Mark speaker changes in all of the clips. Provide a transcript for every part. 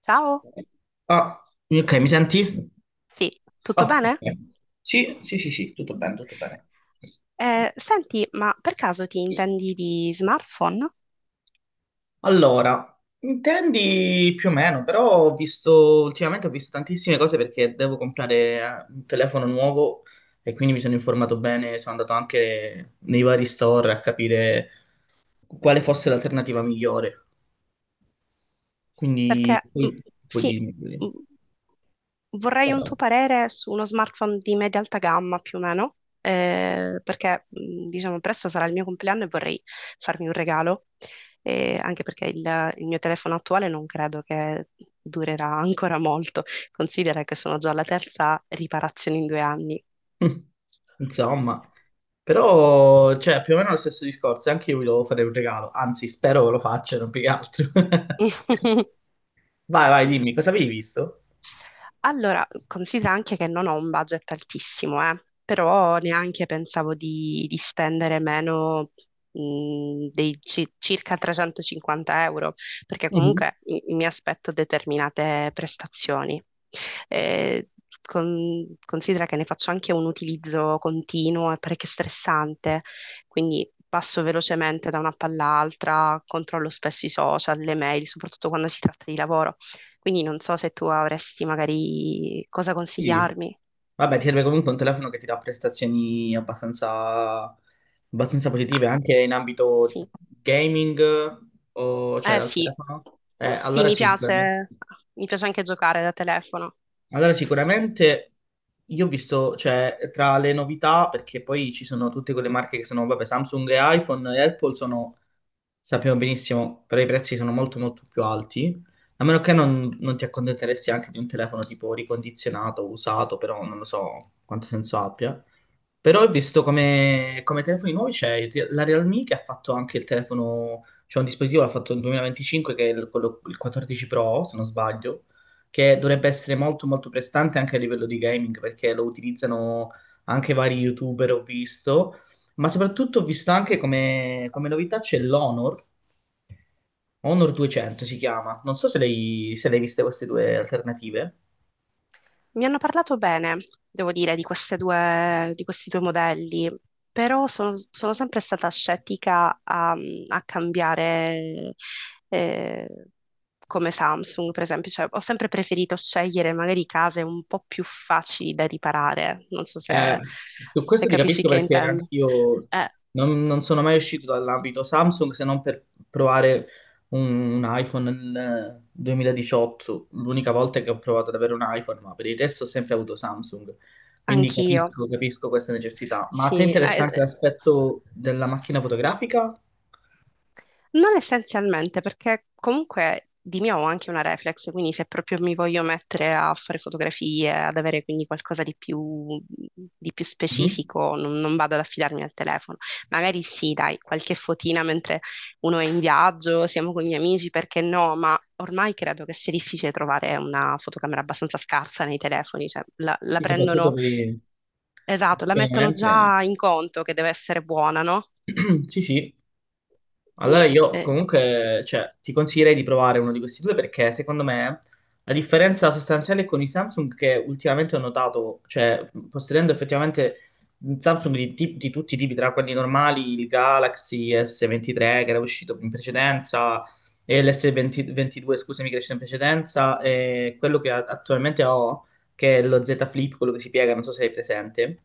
Speaker 1: Ciao,
Speaker 2: Ah. Ok, mi senti?
Speaker 1: sì, tutto
Speaker 2: Ah, ok.
Speaker 1: bene?
Speaker 2: Sì, sì, sì, sì, tutto bene, tutto bene.
Speaker 1: Senti, ma per caso ti intendi di smartphone?
Speaker 2: Allora, intendi più o meno, però ho visto, ultimamente ho visto tantissime cose perché devo comprare un telefono nuovo e quindi mi sono informato bene, sono andato anche nei vari store a capire quale fosse l'alternativa migliore. Quindi,
Speaker 1: Perché
Speaker 2: poi
Speaker 1: sì,
Speaker 2: dimmi. Dimmi.
Speaker 1: mm, vorrei un tuo parere su uno smartphone di media alta gamma più o meno, perché diciamo presto sarà il mio compleanno e vorrei farmi un regalo, anche perché il mio telefono attuale non credo che durerà ancora molto, considera che sono già alla terza riparazione in due anni.
Speaker 2: Insomma, però, cioè, più o meno lo stesso discorso. Anche io vi devo fare un regalo. Anzi, spero che lo facciano più che altro. Vai, vai, dimmi, cosa avevi visto?
Speaker 1: Allora, considera anche che non ho un budget altissimo, però neanche pensavo di spendere meno dei circa 350 euro, perché
Speaker 2: Mhm.
Speaker 1: comunque mi aspetto determinate prestazioni. Eh, considera che ne faccio anche un utilizzo continuo e parecchio stressante, quindi passo velocemente da una palla all'altra, controllo spesso i social, le mail, soprattutto quando si tratta di lavoro. Quindi non so se tu avresti magari cosa
Speaker 2: Sì.
Speaker 1: consigliarmi.
Speaker 2: Vabbè, ti serve comunque un telefono che ti dà prestazioni abbastanza
Speaker 1: Ah,
Speaker 2: positive anche in ambito
Speaker 1: sì.
Speaker 2: gaming o cioè
Speaker 1: Eh
Speaker 2: dal
Speaker 1: sì.
Speaker 2: telefono.
Speaker 1: Sì,
Speaker 2: Allora
Speaker 1: mi
Speaker 2: sì, sicuramente.
Speaker 1: piace. Mi piace anche giocare da telefono.
Speaker 2: Allora, sicuramente io ho visto, cioè, tra le novità, perché poi ci sono tutte quelle marche che sono, vabbè, Samsung e iPhone e Apple sono, sappiamo benissimo, però i prezzi sono molto molto più alti, a meno che non ti accontenteresti anche di un telefono tipo ricondizionato, usato, però non lo so quanto senso abbia. Però ho visto come telefoni nuovi c'è la Realme che ha fatto anche il telefono, c'è un dispositivo l'ha fatto nel 2025 che è il 14 Pro, se non sbaglio, che dovrebbe essere molto molto prestante anche a livello di gaming perché lo utilizzano anche vari YouTuber, ho visto, ma soprattutto ho visto anche come novità c'è l'Honor, Honor 200 si chiama, non so se l'hai viste queste due alternative.
Speaker 1: Mi hanno parlato bene, devo dire, di queste due, di questi due modelli, però sono sempre stata scettica a, a cambiare eh, come Samsung, per esempio. Cioè, ho sempre preferito scegliere magari case un po' più facili da riparare. Non so
Speaker 2: Eh,
Speaker 1: se,
Speaker 2: Su
Speaker 1: se
Speaker 2: questo ti
Speaker 1: capisci
Speaker 2: capisco
Speaker 1: che
Speaker 2: perché
Speaker 1: intendo.
Speaker 2: anch'io
Speaker 1: Eh,
Speaker 2: non sono mai uscito dall'ambito Samsung se non per provare un iPhone nel 2018, l'unica volta che ho provato ad avere un iPhone, ma per il resto ho sempre avuto Samsung, quindi
Speaker 1: anch'io,
Speaker 2: capisco, capisco questa necessità. Ma a te
Speaker 1: sì.
Speaker 2: interessa anche l'aspetto della macchina fotografica?
Speaker 1: Non essenzialmente, perché comunque di mio ho anche una reflex, quindi se proprio mi voglio mettere a fare fotografie, ad avere quindi qualcosa di più
Speaker 2: Mhm.
Speaker 1: specifico, non, non vado ad affidarmi al telefono. Magari sì, dai, qualche fotina mentre uno è in viaggio, siamo con gli amici, perché no? Ma ormai credo che sia difficile trovare una fotocamera abbastanza scarsa nei telefoni, cioè la
Speaker 2: Sì, soprattutto
Speaker 1: prendono,
Speaker 2: per.
Speaker 1: esatto, la mettono
Speaker 2: Ovviamente,
Speaker 1: già in conto che deve essere buona, no?
Speaker 2: sì, sì. Allora
Speaker 1: Quindi,
Speaker 2: io
Speaker 1: sì.
Speaker 2: comunque, cioè, ti consiglierei di provare uno di questi due perché secondo me la differenza sostanziale con i Samsung che ultimamente ho notato, cioè possedendo effettivamente Samsung di tutti i tipi, tra quelli normali, il Galaxy S23 che era uscito in precedenza e l'S22, scusami, che è uscito in precedenza e quello che attualmente ho, che è lo Z Flip, quello che si piega, non so se è presente.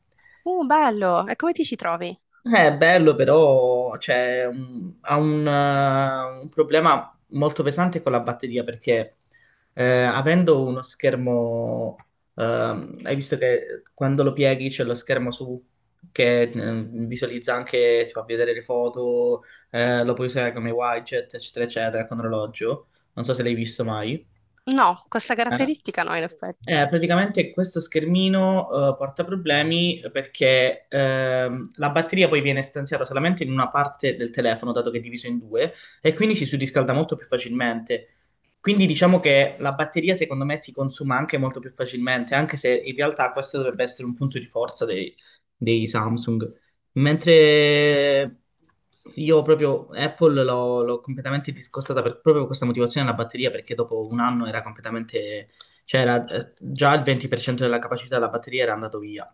Speaker 1: Bello! E come ti ci trovi?
Speaker 2: È bello, però cioè, ha un problema molto pesante con la batteria perché avendo uno schermo, hai visto che quando lo pieghi c'è lo schermo su che visualizza anche, ti fa vedere le foto, lo puoi usare come widget, eccetera, eccetera, con orologio. Non so se l'hai visto mai.
Speaker 1: No, questa
Speaker 2: Eh,
Speaker 1: caratteristica no, in effetti.
Speaker 2: praticamente questo schermino porta problemi perché la batteria poi viene stanziata solamente in una parte del telefono, dato che è diviso in due, e quindi si surriscalda molto più facilmente. Quindi diciamo che la batteria secondo me si consuma anche molto più facilmente, anche se in realtà questo dovrebbe essere un punto di forza dei Samsung. Mentre io proprio Apple l'ho completamente discostata proprio per questa motivazione della batteria, perché dopo un anno era completamente, cioè era, già il 20% della capacità della batteria era andato via.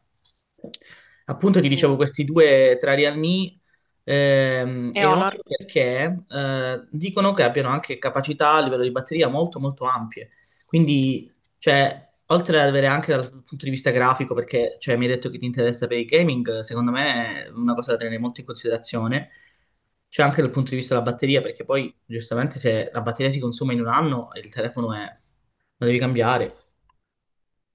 Speaker 2: Appunto ti dicevo
Speaker 1: Mm.
Speaker 2: questi due tra Real Me
Speaker 1: E
Speaker 2: e
Speaker 1: Honor?
Speaker 2: Honor perché dicono che abbiano anche capacità a livello di batteria molto molto ampie. Quindi, cioè, oltre ad avere anche dal punto di vista grafico, perché cioè, mi hai detto che ti interessa per il gaming, secondo me è una cosa da tenere molto in considerazione. C'è anche dal punto di vista della batteria, perché poi giustamente se la batteria si consuma in un anno, il telefono è, lo devi cambiare.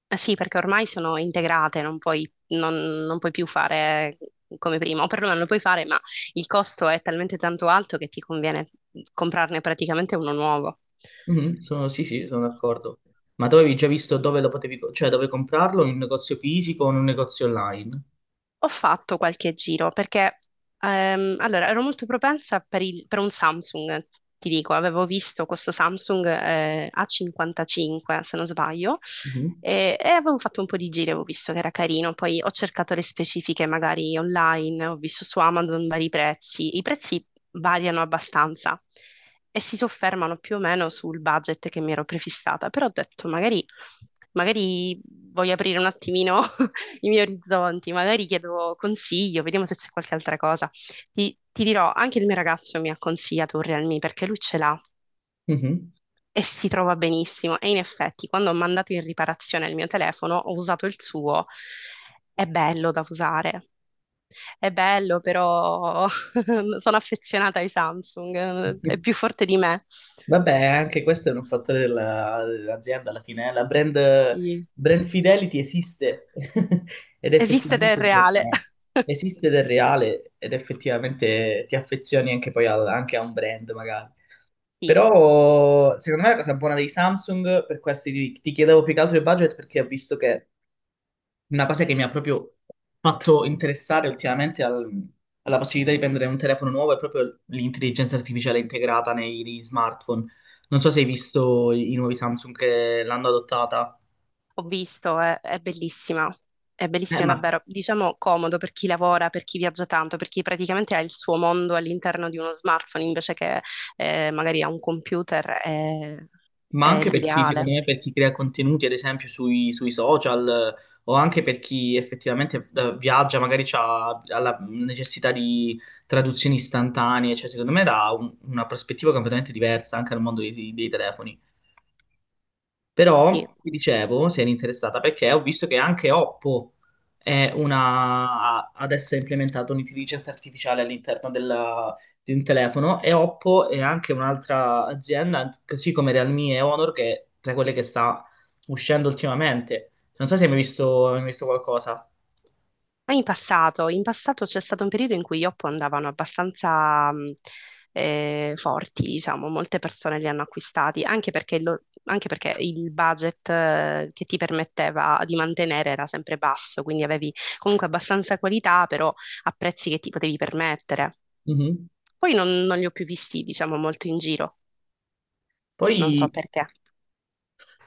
Speaker 1: Eh sì, perché ormai sono integrate, non puoi, non, non puoi più fare come prima, o perlomeno lo puoi fare, ma il costo è talmente tanto alto che ti conviene comprarne praticamente uno nuovo.
Speaker 2: Mhm, sì, sì, sono d'accordo. Ma tu avevi già visto dove lo potevi, cioè dove comprarlo, in un negozio fisico o in un negozio online?
Speaker 1: Ho fatto qualche giro perché allora ero molto propensa per, per un Samsung, ti dico, avevo visto questo Samsung A55 se non sbaglio
Speaker 2: Mhm,
Speaker 1: e avevo fatto un po' di giri, avevo visto che era carino, poi ho cercato le specifiche magari online, ho visto su Amazon vari prezzi, i prezzi variano abbastanza e si soffermano più o meno sul budget che mi ero prefissata, però ho detto magari magari voglio aprire un attimino i miei orizzonti, magari chiedo consiglio, vediamo se c'è qualche altra cosa. Ti dirò, anche il mio ragazzo mi ha consigliato un Realme perché lui ce l'ha
Speaker 2: mhm.
Speaker 1: e si trova benissimo. E in effetti, quando ho mandato in riparazione il mio telefono, ho usato il suo. È bello da usare, è bello, però sono affezionata ai Samsung, è più forte di me.
Speaker 2: Vabbè, anche questo è un fattore dell'azienda alla fine, eh. La brand,
Speaker 1: Sì.
Speaker 2: brand fidelity esiste ed è
Speaker 1: Esiste del
Speaker 2: effettivamente
Speaker 1: reale.
Speaker 2: importante. Esiste del reale ed effettivamente ti affezioni anche poi anche a un brand magari.
Speaker 1: Sì.
Speaker 2: Però secondo me la cosa buona dei Samsung, per questo ti chiedevo più che altro il budget perché ho visto che una cosa che mi ha proprio fatto interessare ultimamente alla possibilità di prendere un telefono nuovo è proprio l'intelligenza artificiale integrata nei smartphone. Non so se hai visto i nuovi Samsung che l'hanno adottata.
Speaker 1: Ho visto, è
Speaker 2: Eh,
Speaker 1: bellissima
Speaker 2: ma,
Speaker 1: davvero. Diciamo comodo per chi lavora, per chi viaggia tanto, per chi praticamente ha il suo mondo all'interno di uno smartphone invece che magari ha un computer,
Speaker 2: ma
Speaker 1: è
Speaker 2: anche per chi, secondo
Speaker 1: l'ideale.
Speaker 2: me, per chi crea contenuti, ad esempio, sui social, o anche per chi effettivamente viaggia, magari ha la necessità di traduzioni istantanee, cioè secondo me dà una prospettiva completamente diversa anche al mondo dei telefoni.
Speaker 1: Sì.
Speaker 2: Però ti dicevo, se eri interessata, perché ho visto che anche Oppo adesso ha implementato un'intelligenza artificiale all'interno di un telefono e Oppo è anche un'altra azienda, così come Realme e Honor, che è tra quelle che sta uscendo ultimamente. Non so se hai mai visto qualcosa.
Speaker 1: Ma in passato c'è stato un periodo in cui gli Oppo andavano abbastanza forti, diciamo, molte persone li hanno acquistati, anche perché, anche perché il budget che ti permetteva di mantenere era sempre basso, quindi avevi comunque abbastanza qualità, però a prezzi che ti potevi permettere.
Speaker 2: Mhm.
Speaker 1: Poi non, non li ho più visti, diciamo, molto in giro, non so
Speaker 2: Poi
Speaker 1: perché.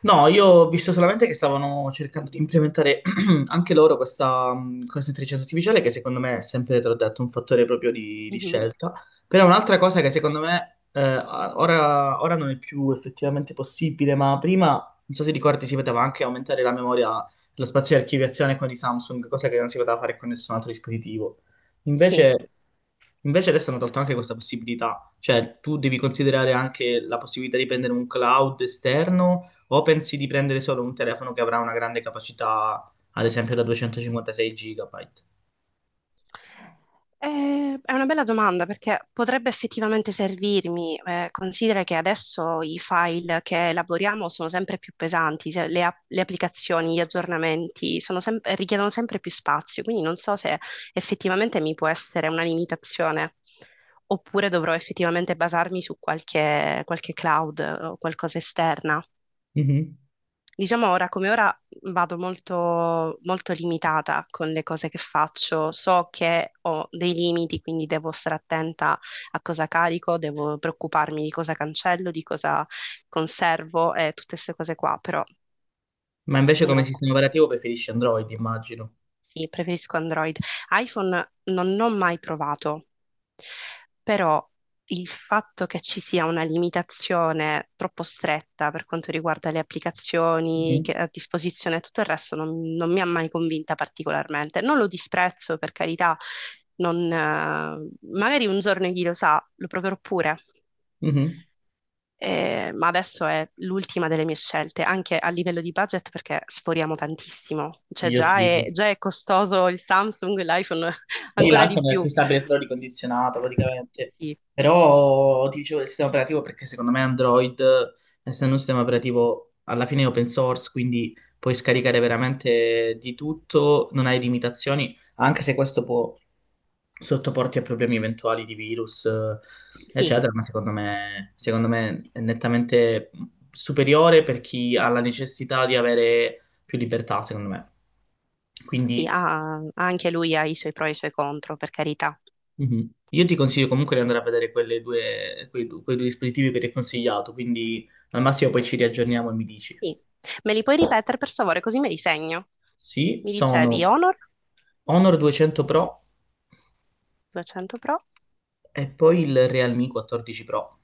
Speaker 2: No, io ho visto solamente che stavano cercando di implementare anche loro questa intelligenza artificiale, che secondo me è sempre, te l'ho detto, un fattore proprio di
Speaker 1: Mhm.
Speaker 2: scelta. Però è un'altra cosa che secondo me ora non è più effettivamente possibile, ma prima, non so se ricordi, si poteva anche aumentare la memoria, lo spazio di archiviazione con i Samsung, cosa che non si poteva fare con nessun altro dispositivo.
Speaker 1: Sì.
Speaker 2: Invece, invece adesso hanno tolto anche questa possibilità, cioè tu devi considerare anche la possibilità di prendere un cloud esterno o pensi di prendere solo un telefono che avrà una grande capacità, ad esempio da 256 GB?
Speaker 1: È una bella domanda perché potrebbe effettivamente servirmi. Considera che adesso i file che elaboriamo sono sempre più pesanti, le, le applicazioni, gli aggiornamenti sono richiedono sempre più spazio, quindi non so se effettivamente mi può essere una limitazione oppure dovrò effettivamente basarmi su qualche, qualche cloud o qualcosa esterna.
Speaker 2: Mhm.
Speaker 1: Diciamo ora come ora vado molto, molto limitata con le cose che faccio, so che ho dei limiti, quindi devo stare attenta a cosa carico, devo preoccuparmi di cosa cancello, di cosa conservo e tutte queste cose qua, però
Speaker 2: Ma invece
Speaker 1: non
Speaker 2: come
Speaker 1: lo so.
Speaker 2: sistema operativo preferisci Android, immagino.
Speaker 1: Sì, preferisco Android. iPhone non ho mai provato, però il fatto che ci sia una limitazione troppo stretta per quanto riguarda le applicazioni
Speaker 2: Mhm.
Speaker 1: a disposizione e tutto il resto non, non mi ha mai convinta particolarmente. Non lo disprezzo, per carità, non, magari un giorno chi lo sa, lo proverò pure.
Speaker 2: Mhm.
Speaker 1: Ma adesso è l'ultima delle mie scelte, anche a livello di budget perché sforiamo tantissimo, cioè
Speaker 2: Io sì.
Speaker 1: già è costoso il Samsung, l'iPhone
Speaker 2: Sì,
Speaker 1: ancora di
Speaker 2: l'iPhone è
Speaker 1: più.
Speaker 2: acquistabile solo ricondizionato praticamente,
Speaker 1: Sì,
Speaker 2: però ti dicevo del sistema operativo perché secondo me Android, essendo un sistema operativo alla fine è open source, quindi puoi scaricare veramente di tutto, non hai limitazioni, anche se questo può sottoporti a problemi eventuali di virus,
Speaker 1: sì,
Speaker 2: eccetera, ma secondo me è nettamente superiore per chi ha la necessità di avere più libertà, secondo me.
Speaker 1: sì,
Speaker 2: Quindi.
Speaker 1: anche lui ha i suoi pro e i suoi contro, per carità.
Speaker 2: Mhm. Io ti consiglio comunque di andare a vedere quelle due, quei, du- quei due dispositivi che ti ho consigliato, quindi al massimo poi ci riaggiorniamo e mi dici.
Speaker 1: Sì. Me li puoi ripetere per favore, così me li segno.
Speaker 2: Sì,
Speaker 1: Mi dicevi
Speaker 2: sono
Speaker 1: Honor
Speaker 2: Honor 200 Pro
Speaker 1: 200 Pro
Speaker 2: e poi il Realme 14 Pro.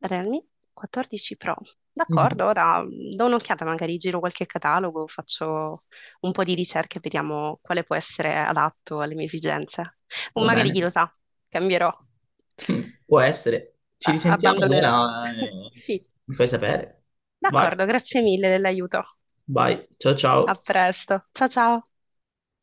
Speaker 1: Realme 14 Pro. D'accordo,
Speaker 2: Mhm.
Speaker 1: ora do un'occhiata, magari giro qualche catalogo, faccio un po' di ricerche, vediamo quale può essere adatto alle mie esigenze. O
Speaker 2: Va
Speaker 1: magari
Speaker 2: bene?
Speaker 1: chi lo sa, cambierò,
Speaker 2: Può essere. Ci risentiamo
Speaker 1: Abbandonerò.
Speaker 2: allora,
Speaker 1: Sì,
Speaker 2: mi fai sapere. Vai,
Speaker 1: d'accordo, grazie mille dell'aiuto.
Speaker 2: vai, ciao
Speaker 1: A
Speaker 2: ciao.
Speaker 1: presto. Ciao ciao.